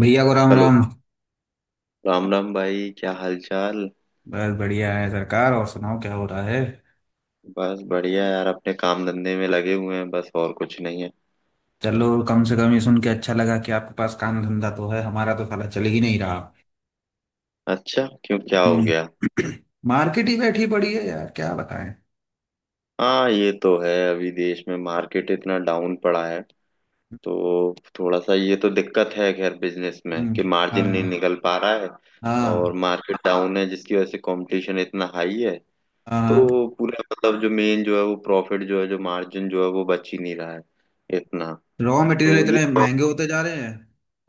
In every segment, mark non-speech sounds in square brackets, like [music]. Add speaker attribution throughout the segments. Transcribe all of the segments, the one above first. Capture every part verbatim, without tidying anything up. Speaker 1: भैया को राम
Speaker 2: हेलो।
Speaker 1: राम।
Speaker 2: राम राम भाई, क्या हाल चाल?
Speaker 1: बस बढ़िया है सरकार। और सुनाओ, क्या हो रहा है?
Speaker 2: बस बढ़िया यार, अपने काम धंधे में लगे हुए हैं, बस और कुछ नहीं है।
Speaker 1: चलो, कम से कम ये सुन के अच्छा लगा कि आपके पास काम धंधा तो है। हमारा तो साला चल ही नहीं रहा।
Speaker 2: अच्छा, क्यों क्या हो गया?
Speaker 1: हम्म [clears throat] मार्केट ही बैठी पड़ी है यार, क्या बताएं।
Speaker 2: हाँ ये तो है, अभी देश में मार्केट इतना डाउन पड़ा है। तो थोड़ा सा ये तो दिक्कत है खैर बिजनेस में
Speaker 1: हम्म।
Speaker 2: कि मार्जिन नहीं
Speaker 1: हाँ
Speaker 2: निकल पा रहा है। और
Speaker 1: हाँ।
Speaker 2: मार्केट डाउन है जिसकी वजह से कंपटीशन इतना हाई है।
Speaker 1: हाँ।
Speaker 2: तो पूरा मतलब जो मेन जो है वो प्रॉफिट जो है जो मार्जिन जो है वो बच ही नहीं रहा है इतना।
Speaker 1: रॉ मटेरियल
Speaker 2: तो ये
Speaker 1: इतने महंगे होते जा रहे हैं।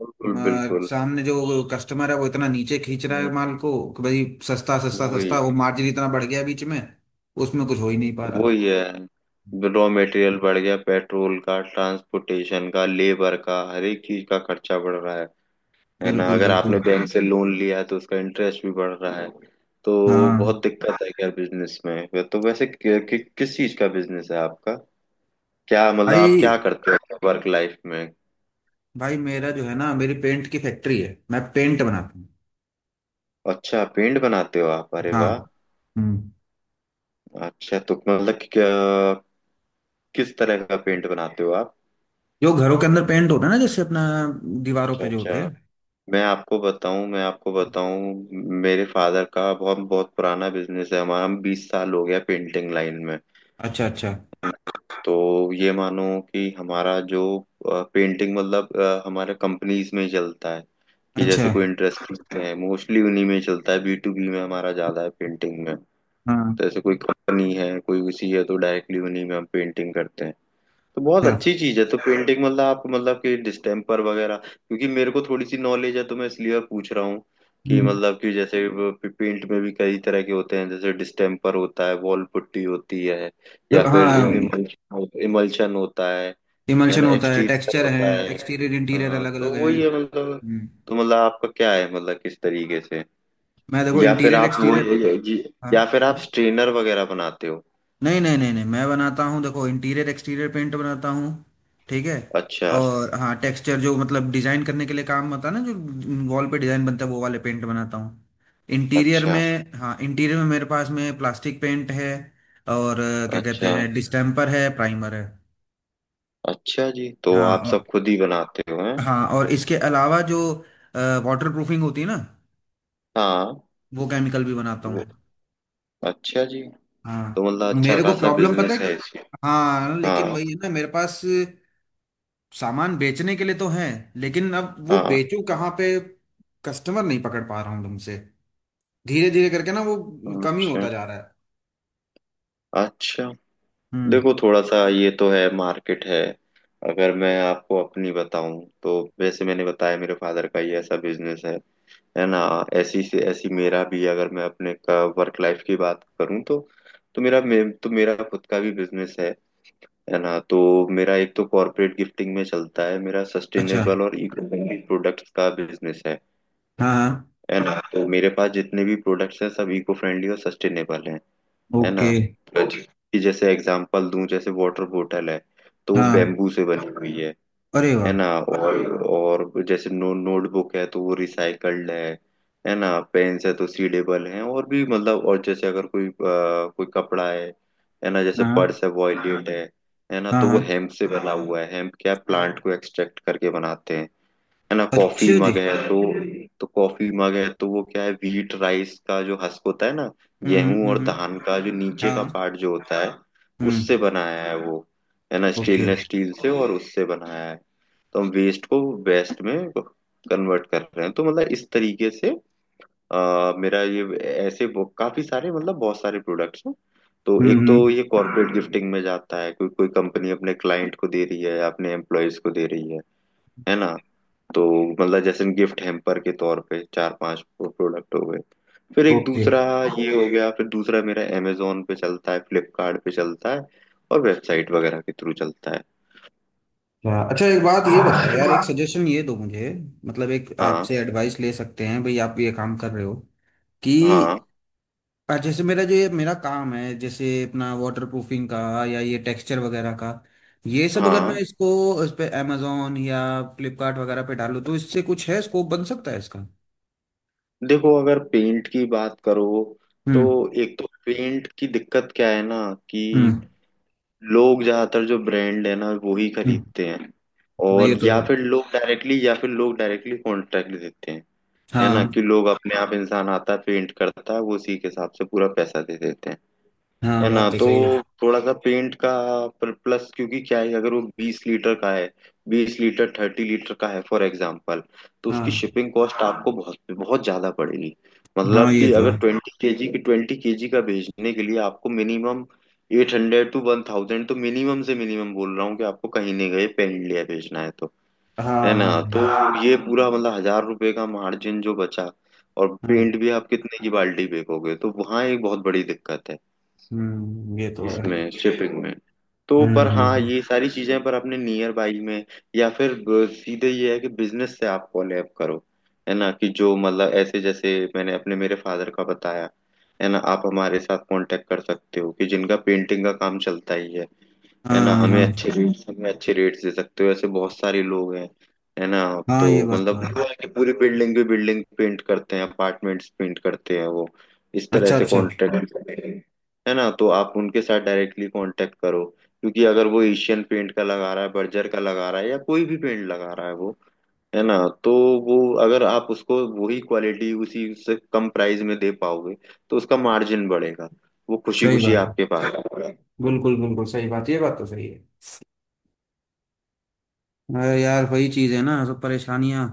Speaker 2: बिल्कुल
Speaker 1: म-
Speaker 2: बिल्कुल।
Speaker 1: सामने जो कस्टमर है वो इतना नीचे खींच रहा
Speaker 2: हम्म,
Speaker 1: है माल को कि भाई सस्ता सस्ता
Speaker 2: वही
Speaker 1: सस्ता, वो
Speaker 2: है।
Speaker 1: मार्जिन इतना बढ़ गया बीच में। उसमें कुछ हो ही नहीं पा रहा।
Speaker 2: वो ये है, रॉ मटेरियल बढ़ गया, पेट्रोल का, ट्रांसपोर्टेशन का, लेबर का, हर एक चीज का खर्चा बढ़ रहा है। है ना,
Speaker 1: बिल्कुल
Speaker 2: अगर आपने
Speaker 1: बिल्कुल।
Speaker 2: बैंक से लोन लिया है तो उसका इंटरेस्ट भी बढ़ रहा है। तो
Speaker 1: हाँ।
Speaker 2: बहुत दिक्कत है क्या बिजनेस में। तो वैसे कि, कि, किस चीज का बिजनेस है आपका? क्या मतलब आप क्या
Speaker 1: भाई।
Speaker 2: करते हो वर्क लाइफ में?
Speaker 1: भाई मेरा जो है ना, मेरी पेंट की फैक्ट्री है, मैं पेंट बनाता हूँ।
Speaker 2: अच्छा पेंट बनाते हो आप, अरे
Speaker 1: हाँ।
Speaker 2: वाह!
Speaker 1: हम्म।
Speaker 2: अच्छा तो मतलब कि, क्या- किस तरह का पेंट बनाते हो आप?
Speaker 1: जो घरों के अंदर पेंट होता है ना, जैसे अपना दीवारों
Speaker 2: अच्छा
Speaker 1: पे जो होते
Speaker 2: अच्छा।
Speaker 1: हैं।
Speaker 2: मैं आपको बताऊं मैं आपको बताऊं मेरे फादर का बहुत बहुत पुराना बिजनेस है, हमारा हम बीस साल हो गया पेंटिंग लाइन में।
Speaker 1: अच्छा अच्छा।
Speaker 2: तो ये मानो कि हमारा जो पेंटिंग मतलब अ, हमारे कंपनीज में ही चलता है। कि
Speaker 1: अच्छा।
Speaker 2: जैसे कोई इंटरेस्ट है, मोस्टली उन्हीं में चलता है, बी टू बी में हमारा ज्यादा है पेंटिंग में। तो
Speaker 1: हाँ।
Speaker 2: जैसे कोई कंपनी है कोई उसी है तो डायरेक्टली उन्हीं में हम पेंटिंग करते हैं। तो बहुत
Speaker 1: अच्छा।
Speaker 2: अच्छी चीज है। तो पेंटिंग मतलब आप मतलब कि डिस्टेम्पर वगैरह, क्योंकि मेरे को थोड़ी सी नॉलेज है तो मैं इसलिए पूछ रहा हूँ कि
Speaker 1: हम्म।
Speaker 2: मतलब कि जैसे पेंट में भी कई तरह के होते हैं, जैसे डिस्टेम्पर होता है, वॉल पुट्टी होती है, या
Speaker 1: देखो,
Speaker 2: फिर
Speaker 1: हाँ।
Speaker 2: इमल्शन इमल्शन होता है है
Speaker 1: इमल्शन
Speaker 2: ना,
Speaker 1: होता है,
Speaker 2: एक्सटीरियर
Speaker 1: टेक्सचर है।
Speaker 2: होता है।
Speaker 1: एक्सटीरियर इंटीरियर
Speaker 2: हाँ
Speaker 1: अलग अलग
Speaker 2: तो
Speaker 1: है।
Speaker 2: वही है मतलब।
Speaker 1: हम्म।
Speaker 2: तो मतलब आपका क्या है मतलब किस तरीके से?
Speaker 1: मैं, देखो,
Speaker 2: या फिर
Speaker 1: इंटीरियर
Speaker 2: आप वो
Speaker 1: एक्सटीरियर। हाँ।
Speaker 2: या फिर आप स्ट्रेनर वगैरह बनाते हो?
Speaker 1: नहीं नहीं नहीं नहीं, मैं बनाता हूँ, देखो इंटीरियर एक्सटीरियर पेंट बनाता हूँ। ठीक है।
Speaker 2: अच्छा
Speaker 1: और हाँ, टेक्सचर जो मतलब डिजाइन करने के लिए काम होता है ना, जो वॉल पे डिजाइन बनता है, वो वाले पेंट बनाता हूँ। इंटीरियर
Speaker 2: अच्छा।
Speaker 1: में, हाँ, इंटीरियर में मेरे पास में प्लास्टिक पेंट है। और अ, क्या कहते
Speaker 2: अच्छा
Speaker 1: हैं, डिस्टेम्पर है, प्राइमर है।
Speaker 2: अच्छा जी, तो
Speaker 1: हाँ
Speaker 2: आप
Speaker 1: और,
Speaker 2: सब खुद ही बनाते हो हैं?
Speaker 1: हाँ और इसके अलावा जो वाटर प्रूफिंग होती है ना,
Speaker 2: हाँ
Speaker 1: वो केमिकल भी बनाता हूँ।
Speaker 2: वो- अच्छा जी।
Speaker 1: हाँ।
Speaker 2: तो मतलब अच्छा
Speaker 1: मेरे को
Speaker 2: खासा
Speaker 1: प्रॉब्लम पता है
Speaker 2: बिजनेस
Speaker 1: कि-
Speaker 2: है इसका।
Speaker 1: हाँ, लेकिन
Speaker 2: हाँ
Speaker 1: वही है ना, मेरे पास सामान बेचने के लिए तो है, लेकिन अब वो
Speaker 2: हाँ।
Speaker 1: बेचूं कहाँ पे? कस्टमर नहीं पकड़ पा रहा हूँ तुमसे। धीरे धीरे करके ना, वो कम ही
Speaker 2: अच्छा
Speaker 1: होता जा रहा है।
Speaker 2: अच्छा।
Speaker 1: हम्म।
Speaker 2: देखो थोड़ा सा ये तो है मार्केट है। अगर मैं आपको अपनी बताऊं तो वैसे मैंने बताया, मेरे फादर का ये ऐसा बिजनेस है है ना। ऐसी से ऐसी मेरा भी, अगर मैं अपने का वर्क लाइफ की बात करूं तो तो मेरा मे, तो मेरा खुद का भी बिजनेस है है ना। तो मेरा एक तो कॉर्पोरेट गिफ्टिंग में चलता है, मेरा
Speaker 1: अच्छा।
Speaker 2: सस्टेनेबल और इको फ्रेंडली प्रोडक्ट्स का बिजनेस है
Speaker 1: हाँ हाँ।
Speaker 2: है ना। तो मेरे पास जितने भी प्रोडक्ट्स हैं सब इको फ्रेंडली और सस्टेनेबल हैं, है ना।
Speaker 1: ओके।
Speaker 2: तो जी- कि जैसे एग्जांपल दूं, जैसे वाटर बोतल है तो वो
Speaker 1: हाँ।
Speaker 2: बेम्बू से बनी हुई है
Speaker 1: अरे
Speaker 2: है
Speaker 1: वाह।
Speaker 2: ना। और और जैसे नो नोटबुक है तो वो रिसाइकल्ड है। है ना, पेन्स है तो सीडेबल है और भी मतलब। और जैसे अगर कोई अ, कोई कपड़ा है है ना, जैसे
Speaker 1: हाँ
Speaker 2: पर्स है वॉयलेट है है ना,
Speaker 1: हाँ
Speaker 2: तो वो
Speaker 1: हाँ।
Speaker 2: हेम्प से बना हुआ है। हेम्प क्या प्लांट को एक्सट्रैक्ट करके बनाते हैं, है ना। कॉफी
Speaker 1: अच्छा जी।
Speaker 2: मग है तो तो कॉफी मग है तो वो क्या है, व्हीट राइस का जो हस्क होता है ना,
Speaker 1: हम्म हम्म
Speaker 2: गेहूं
Speaker 1: हम्म
Speaker 2: और
Speaker 1: हम्म।
Speaker 2: धान का जो नीचे का
Speaker 1: हाँ।
Speaker 2: पार्ट जो होता है,
Speaker 1: हम्म।
Speaker 2: उससे बनाया है वो, है ना।
Speaker 1: ओके।
Speaker 2: स्टेनलेस स्टील से और उससे बनाया है। तो हम वेस्ट को वेस्ट में कन्वर्ट कर रहे हैं। तो मतलब इस तरीके से अ, मेरा ये ऐसे वो- काफी सारे मतलब बहुत सारे प्रोडक्ट्स हैं। तो
Speaker 1: हम्म
Speaker 2: एक तो
Speaker 1: हम्म।
Speaker 2: ये कॉर्पोरेट गिफ्टिंग में जाता है, कोई कोई कंपनी अपने क्लाइंट को दे रही है या अपने एम्प्लॉयज को दे रही है है ना। तो मतलब जैसे गिफ्ट हैम्पर के तौर पे चार पांच प्रोडक्ट हो गए। फिर एक
Speaker 1: ओके।
Speaker 2: दूसरा ये हो गया, फिर दूसरा मेरा अमेजोन पे चलता है, फ्लिपकार्ट पे चलता है, और वेबसाइट वगैरह के थ्रू चलता है।
Speaker 1: अच्छा अच्छा, एक बात ये
Speaker 2: हाँ
Speaker 1: बताओ यार, एक सजेशन ये दो मुझे। मतलब एक आपसे एडवाइस ले सकते हैं भाई, आप ये काम कर रहे हो कि।
Speaker 2: हाँ,
Speaker 1: और जैसे मेरा जो ये मेरा काम है, जैसे अपना वाटर प्रूफिंग का या ये टेक्सचर वगैरह का, ये सब अगर हम्म।
Speaker 2: हाँ।
Speaker 1: मैं इसको इस पे अमेजोन या फ्लिपकार्ट वगैरह पे डालूं तो इससे कुछ है, स्कोप बन सकता है इसका?
Speaker 2: देखो अगर पेंट की बात करो तो
Speaker 1: हम्म
Speaker 2: एक तो पेंट की दिक्कत क्या है ना कि
Speaker 1: हम्म
Speaker 2: लोग ज्यादातर जो ब्रांड है ना वो ही
Speaker 1: हम्म।
Speaker 2: खरीदते हैं।
Speaker 1: हाँ, ये
Speaker 2: और
Speaker 1: तो
Speaker 2: या
Speaker 1: है।
Speaker 2: फिर लोग डायरेक्टली या फिर लोग डायरेक्टली कॉन्ट्रैक्ट देते हैं। है ना
Speaker 1: हाँ
Speaker 2: कि लोग अपने आप, इंसान आता है पेंट करता है वो उसी के हिसाब से पूरा पैसा दे देते हैं,
Speaker 1: हाँ,
Speaker 2: है ना।
Speaker 1: बात तो
Speaker 2: तो
Speaker 1: सही है।
Speaker 2: थोड़ा सा पेंट का प्लस, क्योंकि क्या है अगर वो बीस लीटर का है, बीस लीटर थर्टी लीटर का है फॉर एग्जाम्पल, तो
Speaker 1: हाँ
Speaker 2: उसकी शिपिंग कॉस्ट आपको बहुत बहुत ज्यादा पड़ेगी।
Speaker 1: हाँ,
Speaker 2: मतलब
Speaker 1: ये
Speaker 2: कि
Speaker 1: तो
Speaker 2: अगर
Speaker 1: है।
Speaker 2: ट्वेंटी केजी की ट्वेंटी केजी का भेजने के लिए आपको minimum eight hundred to one thousand, तो मिनिमम से मिनिमम बोल रहा हूँ कि आपको कहीं नहीं गए पेन इंडिया भेजना है तो,
Speaker 1: हाँ
Speaker 2: है ना।
Speaker 1: हाँ
Speaker 2: तो
Speaker 1: हाँ
Speaker 2: ये पूरा मतलब हजार रुपए का मार्जिन जो बचा, और
Speaker 1: हाँ।
Speaker 2: पेंट भी आप कितने की बाल्टी फेंकोगे, तो वहाँ एक बहुत बड़ी दिक्कत है
Speaker 1: हम्म, ये तो है।
Speaker 2: इसमें शिपिंग में। तो
Speaker 1: हम्म
Speaker 2: पर
Speaker 1: हम्म
Speaker 2: हाँ
Speaker 1: हम्म।
Speaker 2: ये सारी चीजें पर अपने नियर बाई में या फिर ब- सीधे ये है कि बिजनेस से आप कोलैब करो। है ना कि जो मतलब ऐसे जैसे मैंने अपने मेरे फादर का बताया, है ना। आप हमारे साथ कांटेक्ट कर सकते हो कि जिनका पेंटिंग का काम चलता ही है है ना।
Speaker 1: हाँ
Speaker 2: हमें
Speaker 1: हाँ
Speaker 2: अच्छे रेट्स हमें अच्छे रेट्स दे सकते हो, ऐसे बहुत सारे लोग हैं, है ना।
Speaker 1: हाँ,
Speaker 2: तो
Speaker 1: ये बात तो
Speaker 2: मतलब
Speaker 1: है।
Speaker 2: पूरा की पूरी बिल्डिंग भी बिल्डिंग पेंट करते हैं, अपार्टमेंट्स पेंट करते हैं वो, इस तरह
Speaker 1: अच्छा
Speaker 2: से
Speaker 1: अच्छा।
Speaker 2: कॉन्ट्रैक्ट, है ना। तो आप उनके साथ डायरेक्टली कांटेक्ट करो, क्योंकि अगर वो एशियन पेंट का लगा रहा है, बर्जर का लगा रहा है, या कोई भी पेंट लगा रहा है वो, है ना। तो वो, अगर आप उसको वही क्वालिटी उसी से कम प्राइस में दे पाओगे तो उसका मार्जिन बढ़ेगा, वो खुशी
Speaker 1: सही
Speaker 2: खुशी
Speaker 1: बात है।
Speaker 2: आपके पास आएगा।
Speaker 1: बिल्कुल बिल्कुल सही बात, ये बात तो सही है। अरे यार, वही चीज है ना, सब परेशानियां।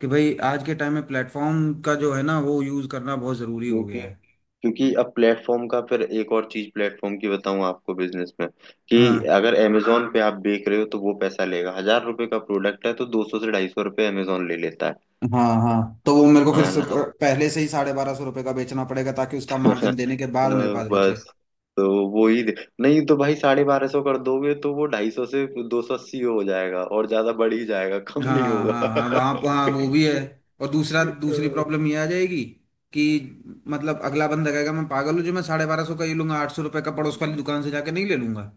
Speaker 1: कि भाई आज के टाइम में प्लेटफॉर्म का जो है ना, वो यूज करना बहुत जरूरी हो
Speaker 2: क्योंकि
Speaker 1: गया है।
Speaker 2: क्योंकि अब प्लेटफॉर्म का फिर एक और चीज प्लेटफॉर्म की बताऊं आपको बिजनेस में, कि
Speaker 1: हाँ
Speaker 2: अगर Amazon पे आप बेच रहे हो तो वो पैसा लेगा, हजार रुपए का प्रोडक्ट है तो दो सौ से ढाई सौ रुपये अमेजोन ले लेता है।
Speaker 1: हाँ, हाँ तो वो मेरे को फिर
Speaker 2: हाँ
Speaker 1: सु-
Speaker 2: ना।
Speaker 1: पहले से ही साढ़े बारह सौ रुपये का बेचना पड़ेगा ताकि उसका
Speaker 2: [laughs] अ,
Speaker 1: मार्जिन देने के बाद मेरे पास बचे।
Speaker 2: बस। तो वो ही दे- नहीं तो भाई साढ़े बारह सौ कर दोगे तो वो ढाई सौ से दो सौ अस्सी हो जाएगा और ज्यादा बढ़ ही जाएगा कम नहीं
Speaker 1: हाँ हाँ
Speaker 2: होगा।
Speaker 1: हाँ, वहाँ पर,
Speaker 2: [laughs]
Speaker 1: हाँ वो भी है। और दूसरा,
Speaker 2: अ,
Speaker 1: दूसरी प्रॉब्लम ये आ जाएगी कि मतलब अगला बंदा कहेगा मैं पागल हूँ जो मैं साढ़े बारह सौ का ये लूंगा, आठ सौ रुपये का पड़ोस वाली दुकान से जाके नहीं ले लूंगा।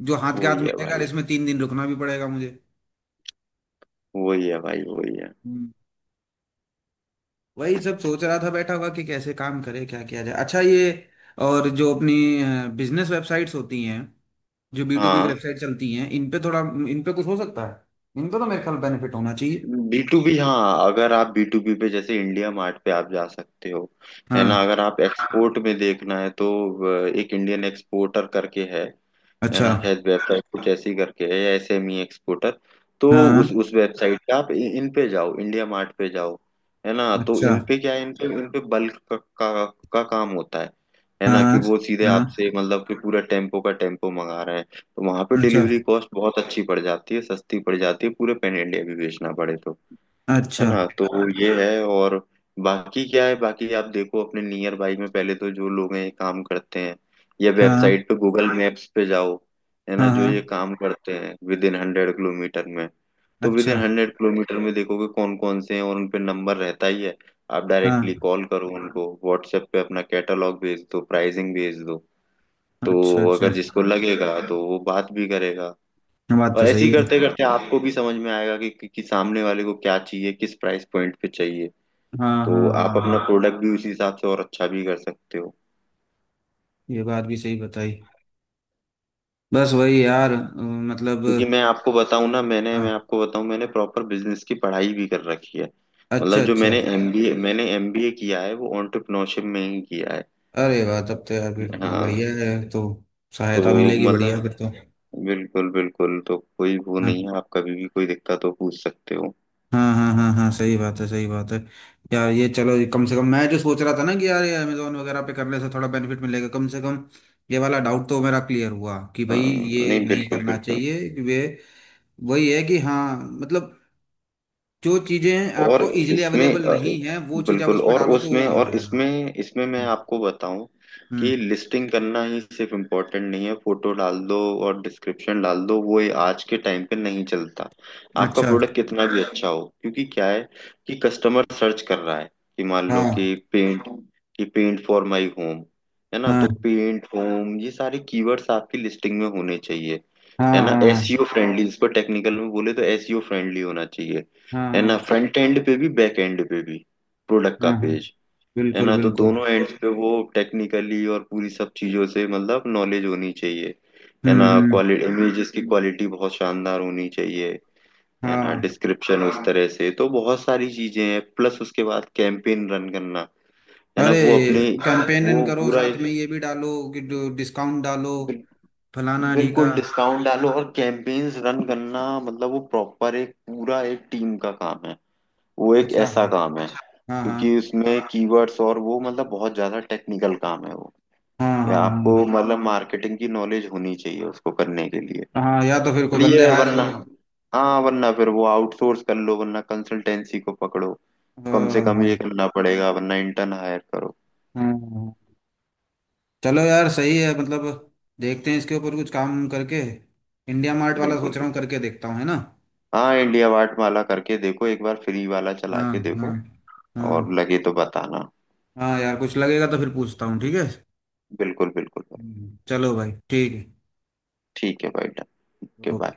Speaker 1: जो हाथ के हाथ
Speaker 2: वही है
Speaker 1: मिलेगा, और
Speaker 2: भाई,
Speaker 1: इसमें तीन दिन रुकना भी पड़ेगा।
Speaker 2: वही है भाई वही है।
Speaker 1: मुझे वही सब सोच रहा था बैठा हुआ कि कैसे काम करे, क्या किया जाए, अच्छा ये। और जो अपनी बिजनेस वेबसाइट्स होती हैं, जो बी टू बी
Speaker 2: हाँ।
Speaker 1: वेबसाइट चलती हैं, इन पे थोड़ा, इन पे कुछ हो सकता है, इन पे तो मेरे ख्याल बेनिफिट होना चाहिए।
Speaker 2: बी टू बी, हाँ, अगर आप बी टू बी पे जैसे इंडिया मार्ट पे आप जा सकते हो, है ना।
Speaker 1: हाँ।
Speaker 2: अगर आप एक्सपोर्ट में देखना है तो अ, एक इंडियन एक्सपोर्टर करके है है
Speaker 1: अच्छा।
Speaker 2: ना, शायद वेबसाइट कुछ ऐसी करके है, या एसएमई एक्सपोर्टर। तो
Speaker 1: हाँ।
Speaker 2: उस उस वेबसाइट पे आप इ- इन पे जाओ, इंडिया मार्ट पे जाओ, है ना। तो
Speaker 1: अच्छा।
Speaker 2: इन पे क्या है, इन पे इन पे बल्क का, का, का काम होता है है
Speaker 1: हाँ
Speaker 2: ना कि
Speaker 1: हाँ
Speaker 2: वो सीधे आपसे
Speaker 1: हाँ।
Speaker 2: मतलब कि पूरा टेम्पो का टेम्पो मंगा रहे हैं तो वहां पे
Speaker 1: अच्छा
Speaker 2: डिलीवरी कॉस्ट बहुत अच्छी पड़ जाती है, सस्ती पड़ जाती है, पूरे पैन इंडिया भी बेचना पड़े तो, है
Speaker 1: अच्छा।
Speaker 2: ना। तो ये है। और बाकी क्या है, बाकी आप देखो अपने नियर बाई में पहले तो जो लोग हैं ये काम करते हैं, या
Speaker 1: हाँ
Speaker 2: वेबसाइट पे गूगल मैप्स पे जाओ, है ना
Speaker 1: हाँ
Speaker 2: जो
Speaker 1: हाँ।
Speaker 2: ये काम करते हैं विद इन हंड्रेड किलोमीटर में, तो विद
Speaker 1: अच्छा।
Speaker 2: इन हंड्रेड किलोमीटर में देखोगे कौन कौन से हैं और उन पे नंबर रहता ही है। आप डायरेक्टली
Speaker 1: हाँ।
Speaker 2: कॉल करो उनको, व्हाट्सएप पे अपना कैटलॉग भेज दो, प्राइसिंग भेज दो। तो
Speaker 1: अच्छा अच्छा।
Speaker 2: अगर जिसको लगेगा तो वो बात भी करेगा,
Speaker 1: हाँ, बात
Speaker 2: और
Speaker 1: तो
Speaker 2: ऐसे
Speaker 1: सही
Speaker 2: ही
Speaker 1: है।
Speaker 2: करते करते आपको भी समझ में आएगा कि, कि, कि सामने वाले को क्या चाहिए, किस प्राइस पॉइंट पे चाहिए।
Speaker 1: हाँ हाँ
Speaker 2: तो
Speaker 1: हाँ
Speaker 2: आप अपना
Speaker 1: हाँ।
Speaker 2: प्रोडक्ट भी उसी हिसाब से और अच्छा भी कर सकते हो।
Speaker 1: ये बात भी सही बताई। बस वही यार, अ, मतलब।
Speaker 2: क्योंकि मैं आपको बताऊं ना, मैंने मैं
Speaker 1: हाँ।
Speaker 2: आपको बताऊं मैंने प्रॉपर बिजनेस की पढ़ाई भी कर रखी है,
Speaker 1: अच्छा
Speaker 2: मतलब जो
Speaker 1: अच्छा।
Speaker 2: मैंने एमबीए मैंने एमबीए किया है वो एंटरप्रेन्योरशिप में ही किया है।
Speaker 1: अरे वाह, तब तो यार फिर
Speaker 2: हाँ
Speaker 1: बढ़िया है तो,
Speaker 2: तो
Speaker 1: सहायता मिलेगी, बढ़िया
Speaker 2: मतलब
Speaker 1: फिर तो।
Speaker 2: बिल्कुल बिल्कुल। तो कोई वो नहीं
Speaker 1: हाँ
Speaker 2: है, आप कभी भी कोई दिक्कत हो पूछ सकते हो।
Speaker 1: हाँ हाँ हाँ हाँ, सही बात है, सही बात है। यार ये, चलो, ये कम से कम मैं जो सोच रहा था ना कि यार ये अमेजोन वगैरह पे करने से थोड़ा बेनिफिट मिलेगा कम से कम। ये वाला डाउट तो मेरा क्लियर हुआ कि भाई
Speaker 2: हाँ,
Speaker 1: ये
Speaker 2: नहीं
Speaker 1: नहीं
Speaker 2: बिल्कुल
Speaker 1: करना
Speaker 2: बिल्कुल।
Speaker 1: चाहिए, कि वे वही है कि हाँ, मतलब जो चीज़ें
Speaker 2: और
Speaker 1: आपको इजीली
Speaker 2: इसमें
Speaker 1: अवेलेबल
Speaker 2: अ,
Speaker 1: नहीं है, वो चीज़ आप
Speaker 2: बिल्कुल।
Speaker 1: उस पर
Speaker 2: और
Speaker 1: डालो तो वो
Speaker 2: उसमें
Speaker 1: हो
Speaker 2: और
Speaker 1: जाएगा।
Speaker 2: इसमें इसमें मैं
Speaker 1: हम्म
Speaker 2: आपको बताऊं
Speaker 1: हम्म।
Speaker 2: कि लिस्टिंग करना ही सिर्फ इम्पोर्टेंट नहीं है, फोटो डाल दो और डिस्क्रिप्शन डाल दो, वो ये आज के टाइम पे नहीं चलता, आपका
Speaker 1: अच्छा।
Speaker 2: प्रोडक्ट कितना भी अच्छा हो, क्योंकि क्या है कि कस्टमर सर्च कर रहा है कि मान लो
Speaker 1: हाँ
Speaker 2: कि पेंट कि पेंट फॉर माय होम, है ना,
Speaker 1: हाँ
Speaker 2: तो पेंट होम ये सारे कीवर्ड्स आपकी लिस्टिंग में होने चाहिए, है
Speaker 1: हाँ। हाँ
Speaker 2: ना।
Speaker 1: हाँ
Speaker 2: एसईओ फ्रेंडली, इसको टेक्निकल में बोले तो एसईओ फ्रेंडली होना चाहिए,
Speaker 1: हाँ
Speaker 2: है ना,
Speaker 1: हाँ
Speaker 2: फ्रंट एंड पे भी बैक एंड पे भी, प्रोडक्ट का
Speaker 1: हाँ हाँ।
Speaker 2: पेज, है
Speaker 1: बिल्कुल
Speaker 2: ना। तो
Speaker 1: बिल्कुल।
Speaker 2: दोनों एंड पे वो टेक्निकली और पूरी सब चीजों से मतलब नॉलेज होनी चाहिए, है ना।
Speaker 1: हम्म।
Speaker 2: क्वालिटी, इमेजेस की क्वालिटी बहुत शानदार होनी चाहिए, है ना,
Speaker 1: हाँ।
Speaker 2: डिस्क्रिप्शन उस तरह से, तो बहुत सारी चीजें हैं। प्लस उसके बाद कैंपेन रन करना, है ना,
Speaker 1: अरे,
Speaker 2: वो अपने
Speaker 1: कैंपेन
Speaker 2: वो
Speaker 1: करो
Speaker 2: पूरा
Speaker 1: साथ में
Speaker 2: एक
Speaker 1: ये भी डालो कि डिस्काउंट डालो,
Speaker 2: बिल-
Speaker 1: फलाना ढीका।
Speaker 2: बिल्कुल डिस्काउंट डालो और कैंपेन्स रन करना। मतलब वो प्रॉपर एक पूरा एक टीम का काम है, वो एक
Speaker 1: अच्छा,
Speaker 2: ऐसा
Speaker 1: हाँ।
Speaker 2: काम है
Speaker 1: हाँ
Speaker 2: क्योंकि उसमें कीवर्ड्स और वो मतलब बहुत ज्यादा टेक्निकल काम है वो,
Speaker 1: हाँ
Speaker 2: या
Speaker 1: हाँ।
Speaker 2: आपको
Speaker 1: हाँ
Speaker 2: मतलब मार्केटिंग की नॉलेज होनी चाहिए उसको करने के लिए।
Speaker 1: हाँ हाँ। या तो फिर कोई बंदे
Speaker 2: लिए
Speaker 1: हायर
Speaker 2: वरना
Speaker 1: करो।
Speaker 2: हाँ, वरना फिर वो आउटसोर्स कर लो, वरना कंसल्टेंसी को पकड़ो, कम से
Speaker 1: हाँ
Speaker 2: कम
Speaker 1: हाँ।
Speaker 2: ये करना पड़ेगा, वरना इंटर्न हायर करो।
Speaker 1: हाँ। हाँ। चलो यार, सही है मतलब। देखते हैं इसके ऊपर कुछ काम करके। इंडिया मार्ट वाला
Speaker 2: बिल्कुल
Speaker 1: सोच रहा हूँ,
Speaker 2: बिल्कुल।
Speaker 1: करके देखता हूँ, है ना?
Speaker 2: हाँ इंडिया वाट माला करके देखो, एक बार फ्री वाला चला
Speaker 1: हाँ
Speaker 2: के
Speaker 1: हाँ।
Speaker 2: देखो, और
Speaker 1: हाँ।
Speaker 2: लगे तो बताना।
Speaker 1: हाँ यार कुछ लगेगा तो फिर पूछता हूँ, ठीक है।
Speaker 2: बिल्कुल बिल्कुल भाई।
Speaker 1: हम्म, चलो भाई, ठीक है।
Speaker 2: ठीक है भाई, डन। Okay
Speaker 1: okay.
Speaker 2: बाय।